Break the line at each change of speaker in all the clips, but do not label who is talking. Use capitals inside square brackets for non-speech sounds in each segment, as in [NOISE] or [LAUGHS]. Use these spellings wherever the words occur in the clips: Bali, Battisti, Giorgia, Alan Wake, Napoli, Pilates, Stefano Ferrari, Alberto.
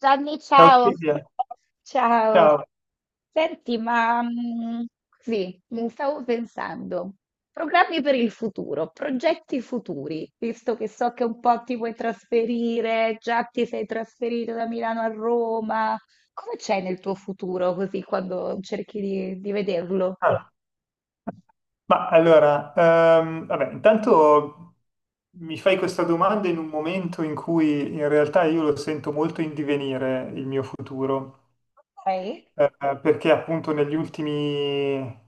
Gianni,
Ciao
ciao,
Silvia,
ciao.
ciao.
Senti, sì, mi stavo pensando, programmi per il futuro, progetti futuri, visto che so che un po' ti vuoi trasferire, già ti sei trasferito da Milano a Roma, come c'è nel tuo futuro così quando cerchi di vederlo?
Ah, intanto mi fai questa domanda in un momento in cui in realtà io lo sento molto in divenire il mio futuro,
Dai.
eh, perché appunto negli ultimi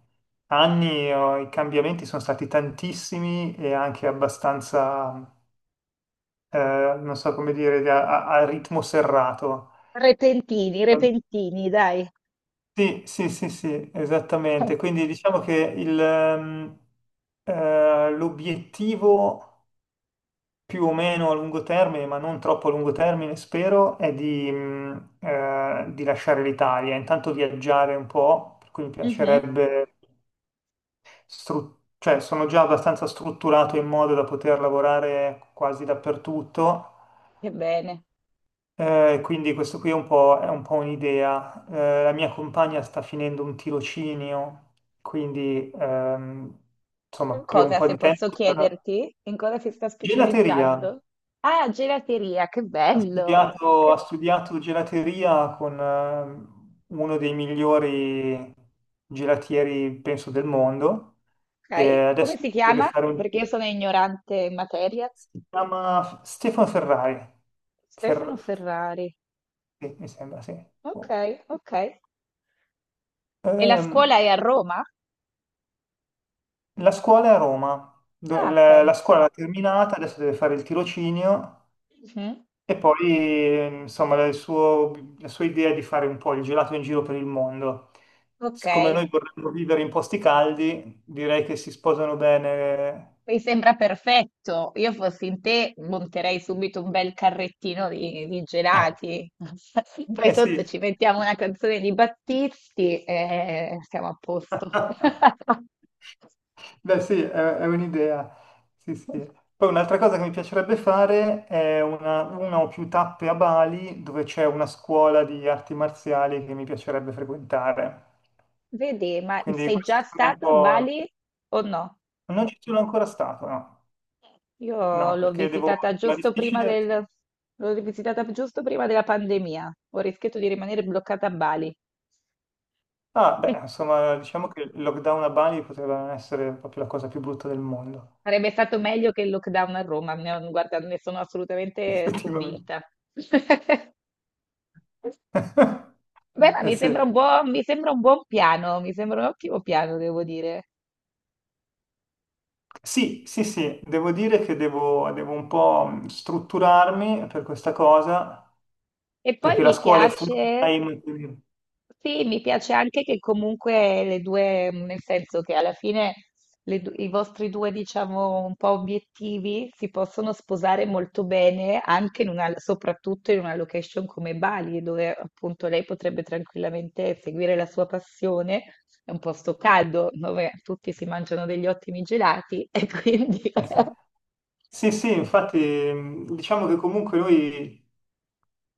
anni i cambiamenti sono stati tantissimi e anche abbastanza, eh, non so come dire, a ritmo serrato.
Repentini, repentini, dai.
Sì, sì, sì, sì, esattamente.
[LAUGHS]
Quindi diciamo che l'obiettivo più o meno a lungo termine, ma non troppo a lungo termine, spero, è di lasciare l'Italia, intanto viaggiare un po', per cui mi
Mhm,
piacerebbe, cioè sono già abbastanza strutturato in modo da poter lavorare quasi dappertutto.
che bene.
Quindi questo qui è un po' un'idea. La mia compagna sta finendo un tirocinio, quindi insomma
In
per un
cosa,
po'
se
di
posso
tempo sarà-
chiederti, in cosa si sta
Gelateria.
specializzando? Ah, gelateria, che
Ha
bello!
studiato, ha
Che-
studiato gelateria con uno dei migliori gelatieri, penso, del mondo e
Ok, come
adesso
si
deve
chiama?
fare un...
Perché io sono ignorante in materia.
Si chiama Stefano Ferrari.
Stefano
Fer-
Ferrari.
sì, mi sembra, sì.
Ok,
Oh.
ok. E la scuola
Ehm,
è a Roma?
La scuola è a Roma. Do-
Ah,
la, la scuola
pensa.
l'ha terminata, adesso deve fare il tirocinio
Mhm.
e poi insomma la sua idea è di fare un po' il gelato in giro per il mondo.
Ok.
Siccome noi vorremmo vivere in posti caldi, direi che si sposano bene.
Mi sembra perfetto. Io fossi in te, monterei subito un bel carrettino di gelati. [LAUGHS]
[LAUGHS]
Poi
Eh
sotto
sì.
ci mettiamo una canzone di Battisti e siamo a posto.
[LAUGHS]
[LAUGHS]
Beh, sì, è un'idea. Sì, sì. Poi un'altra cosa che mi piacerebbe fare è una o più tappe a Bali dove c'è una scuola di arti marziali che mi piacerebbe frequentare.
Vedi, ma
Quindi
sei
queste
già
sono un
stato a
po'...
Bali o no?
Non ci sono ancora stato, no?
Io
No,
l'ho
perché devo...
visitata
Ma è
giusto prima
difficile...
l'ho visitata giusto prima della pandemia. Ho rischiato di rimanere bloccata a Bali.
Ah, beh,
[LAUGHS]
insomma, diciamo che il lockdown a Bali poteva non essere proprio la cosa più brutta del mondo,
Sarebbe stato meglio che il lockdown a Roma, ne- guarda, ne sono
[LAUGHS]
assolutamente
effettivamente.
convinta. [LAUGHS]
[LAUGHS]
Beh,
Eh sì.
mi sembra un buon piano, mi sembra un ottimo piano, devo dire.
Sì, sì, sì, devo dire che devo un po' strutturarmi per questa cosa,
E poi
perché la
mi
scuola è full
piace
time. Quindi-
sì, mi piace anche che comunque le due, mm, nel senso che alla fine le du- i vostri due, diciamo, un po' obiettivi si possono sposare molto bene anche in una, soprattutto in una location come Bali, dove appunto lei potrebbe tranquillamente seguire la sua passione. È un posto caldo dove tutti si mangiano degli ottimi gelati [LAUGHS] e quindi
eh sì.
[LAUGHS]
Sì, sì, infatti diciamo che comunque noi,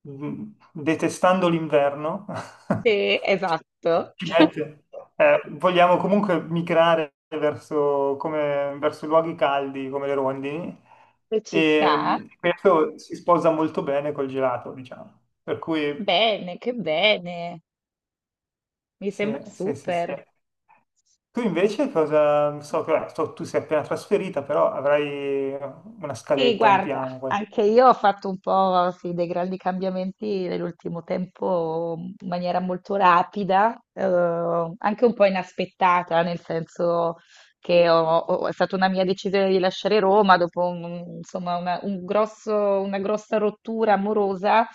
mh, detestando l'inverno, [LAUGHS]
sì, esatto,
ci
[LAUGHS]
mette- vogliamo comunque migrare verso, come- verso luoghi caldi come le rondini
se ci
e
sta,
questo si sposa molto bene col gelato, diciamo. Per cui
bene, che bene, mi
sì,
sembra
sì, sì, sì.
super.
Tu invece cosa, so che vabbè, so- tu sei appena trasferita, però avrai una
Sì,
scaletta, un
guarda,
piano. Qual-
anche io ho fatto un po', sì, dei grandi cambiamenti nell'ultimo tempo in maniera molto rapida, anche un po' inaspettata, nel senso che è stata una mia decisione di lasciare Roma dopo un- insomma, una, un grosso- una grossa rottura amorosa,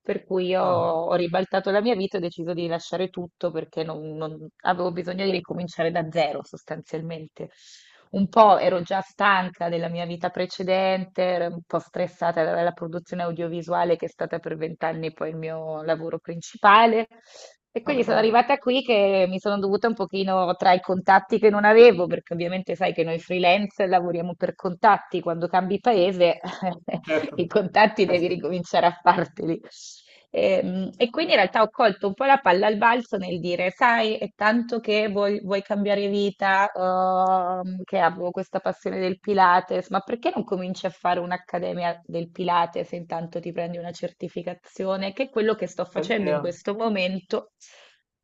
per cui
ah,
ho ribaltato la mia vita e ho deciso di lasciare tutto perché avevo bisogno di ricominciare da zero sostanzialmente. Un po' ero già stanca della mia vita precedente, ero un po' stressata dalla produzione audiovisuale che è stata per vent'anni poi il mio lavoro principale. E
ah, ah,
quindi sono
cavolo.
arrivata qui che mi sono dovuta un pochino tra i contatti che non avevo, perché ovviamente sai che noi freelance lavoriamo per contatti, quando cambi paese [LAUGHS] [LAUGHS]
Certo,
i contatti
eh
devi
sì,
ricominciare a farteli. E quindi in realtà ho colto un po' la palla al balzo nel dire, sai, è tanto che vuoi cambiare vita, che avevo questa passione del Pilates, ma perché non cominci a fare un'accademia del Pilates e intanto ti prendi una certificazione, che è quello che sto
bella
facendo in
idea.
questo momento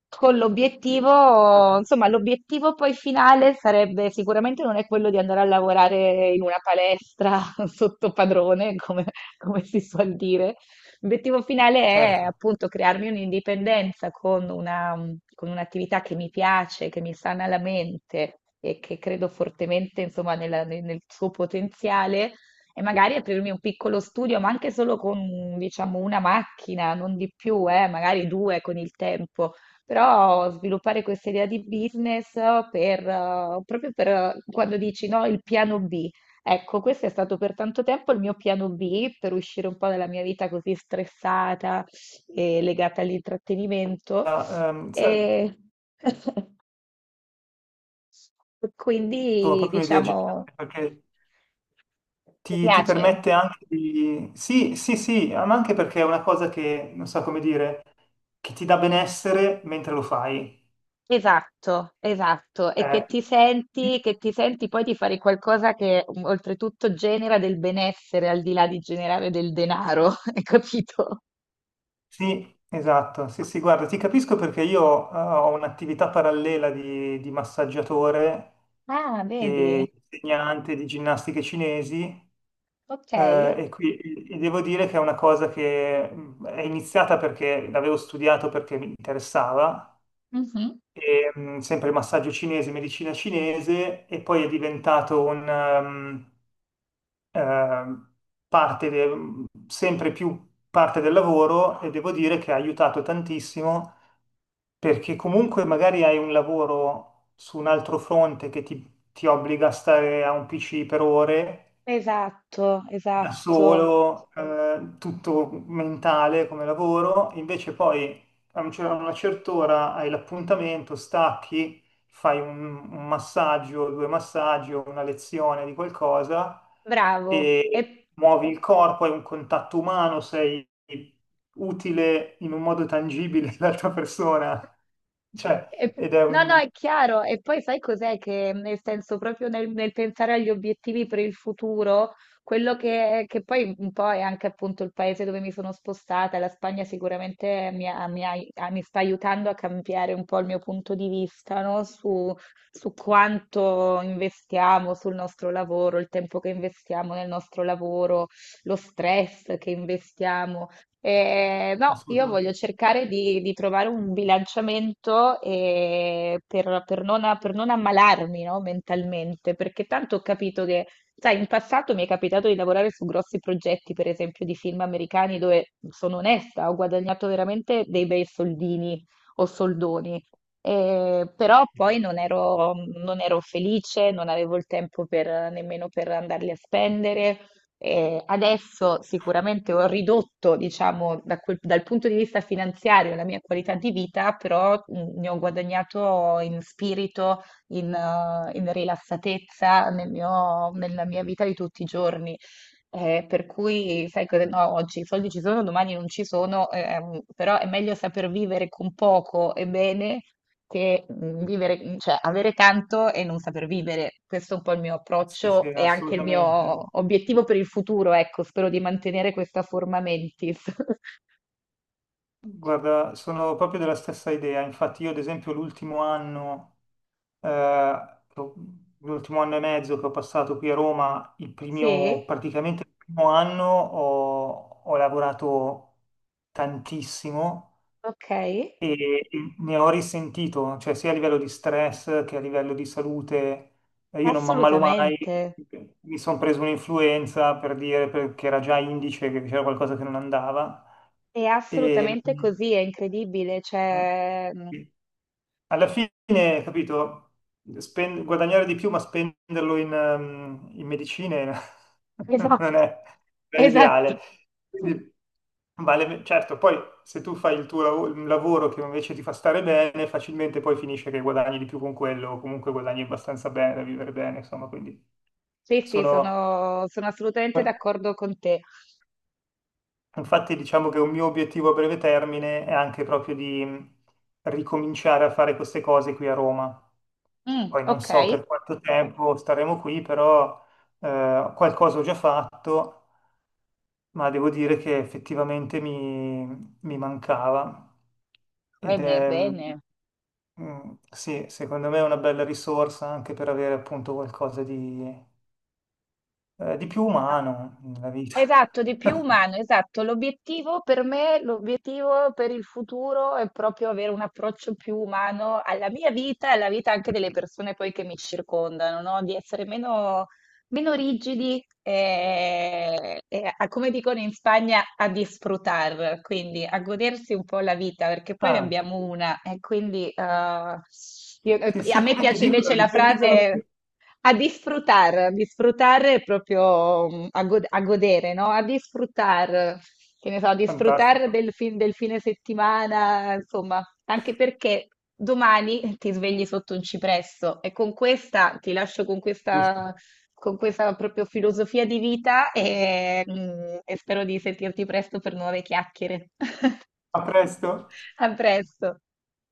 con l'obiettivo,
Vabbè,
insomma, l'obiettivo poi finale sarebbe sicuramente non è quello di andare a lavorare in una palestra [LAUGHS] sotto padrone, come, come si suol dire. L'obiettivo finale è
certo.
appunto crearmi un'indipendenza con una, con un'attività che mi piace, che mi sana la mente e che credo fortemente, insomma, nella- nel suo potenziale e magari aprirmi un piccolo studio, ma anche solo con, diciamo, una macchina, non di più, magari due con il tempo però sviluppare questa idea di business per, proprio per quando dici no, il piano B. Ecco, questo è stato per tanto tempo il mio piano B per uscire un po' dalla mia vita così stressata e legata all'intrattenimento.
Sai,
E [LAUGHS]
tu hai
quindi,
proprio un'idea geniale,
diciamo,
perché
ti
ti
piace?
permette anche di... Sì, sì, sì, ah, ma anche perché è una cosa che, non so come dire, che ti dà benessere mentre lo fai.
Esatto, esatto, e
Eh,
che ti senti poi di fare qualcosa che mm, oltretutto genera del benessere al di là di generare del denaro, [LAUGHS] hai capito?
Sì, esatto, sì, sì, guarda, ti capisco perché io ho un'attività parallela di massaggiatore
Ah, vedi?
e insegnante di ginnastiche cinesi
Ok.
e, qui, e devo dire che è una cosa che è iniziata perché l'avevo studiato perché mi interessava,
Mhm.
e, sempre massaggio cinese, medicina cinese e poi è diventato ehm, parte de- sempre più parte del lavoro e devo dire che ha aiutato tantissimo perché comunque magari hai un lavoro su un altro fronte che ti obbliga a stare a un PC per ore
Esatto,
da
esatto,
solo, tutto mentale come lavoro, invece poi a una certa ora hai l'appuntamento, stacchi, fai un massaggio, due massaggi o una lezione di qualcosa
bravo.
e muovi il corpo, hai un contatto umano, sei utile in un modo tangibile [LAUGHS] all'altra persona. Cioè,
E-
ed è
no, no,
un...
è chiaro. E poi sai cos'è che, nel senso, proprio nel pensare agli obiettivi per il futuro, quello che poi un po' è anche appunto il paese dove mi sono spostata, la Spagna sicuramente mi sta aiutando a cambiare un po' il mio punto di vista, no? Su, su quanto investiamo sul nostro lavoro, il tempo che investiamo nel nostro lavoro, lo stress che investiamo. No, io
Assolutamente,
voglio cercare di trovare un bilanciamento per non ammalarmi, no, mentalmente, perché tanto ho capito che, sai, in passato mi è capitato di lavorare su grossi progetti, per esempio di film americani, dove sono onesta, ho guadagnato veramente dei bei soldini o soldoni, però poi non ero felice, non avevo il tempo per- nemmeno per andarli a spendere adesso sicuramente ho ridotto, diciamo, da quel- dal punto di vista finanziario la mia qualità di vita, però ne ho guadagnato in spirito, in, in rilassatezza nel mio- nella mia vita di tutti i giorni. Per cui, sai cosa? No, oggi i soldi ci sono, domani non ci sono, però è meglio saper vivere con poco e bene che vivere, cioè avere tanto e non saper vivere. Questo è un po' il mio
sì, sì,
approccio e anche il mio
assolutamente.
obiettivo per il futuro, ecco, spero di mantenere questa forma mentis. [LAUGHS]
Guarda, sono proprio della stessa idea. Infatti, io, ad esempio, l'ultimo anno, eh, che ho- l'ultimo anno e mezzo che ho passato qui a Roma,
Sì,
praticamente il primo anno ho lavorato tantissimo
ok,
e, e ne ho risentito, cioè sia a livello di stress che a livello di salute. Io non mi ammalo mai,
assolutamente.
mi sono preso un'influenza per dire perché era già indice che c'era qualcosa che non andava.
È
E,
assolutamente così, è incredibile,
mm.
cioè [LAUGHS]
Sì. Alla fine, capito, Spen- guadagnare di più ma spenderlo in medicine [LAUGHS] non è non è
esatto.
l'ideale. Quindi vale- certo, poi se tu fai il un lavoro che invece ti fa stare bene, facilmente poi finisce che guadagni di più con quello, o comunque guadagni abbastanza bene da vivere bene, insomma, quindi
Sì, sì,
sono...
sono, sono assolutamente d'accordo con te.
Infatti diciamo che un mio obiettivo a breve termine è anche proprio di ricominciare a fare queste cose qui a Roma.
Mm,
Poi non
ok,
so per quanto tempo staremo qui, però qualcosa ho già fatto, ma devo dire che effettivamente mi, mi mancava. Ed
bene,
è,
bene.
mm, sì, secondo me è una bella risorsa anche per avere appunto qualcosa di più umano nella vita.
Esatto, di più umano,
[LAUGHS]
esatto. L'obiettivo per me, l'obiettivo per il futuro è proprio avere un approccio più umano alla mia vita e alla vita anche delle persone poi che mi circondano, no? Di essere meno meno rigidi e a- come dicono in Spagna, a disfrutar, quindi a godersi un po' la vita, perché poi ne
Ah.
abbiamo una e quindi io-
Sì,
e a
sì,
me
come che
piace invece
dicono?
la
Ripetimelo.
frase a disfrutar, disfrutar è proprio mm, a, go- a godere, no? A disfrutar, che ne so, a disfrutar
Fantastico.
del, fin- del fine settimana, insomma, anche perché domani ti svegli sotto un cipresso e con questa ti lascio
Giusto.
con questa proprio filosofia di vita e e spero di sentirti presto per nuove chiacchiere. [LAUGHS]
A presto.
A presto.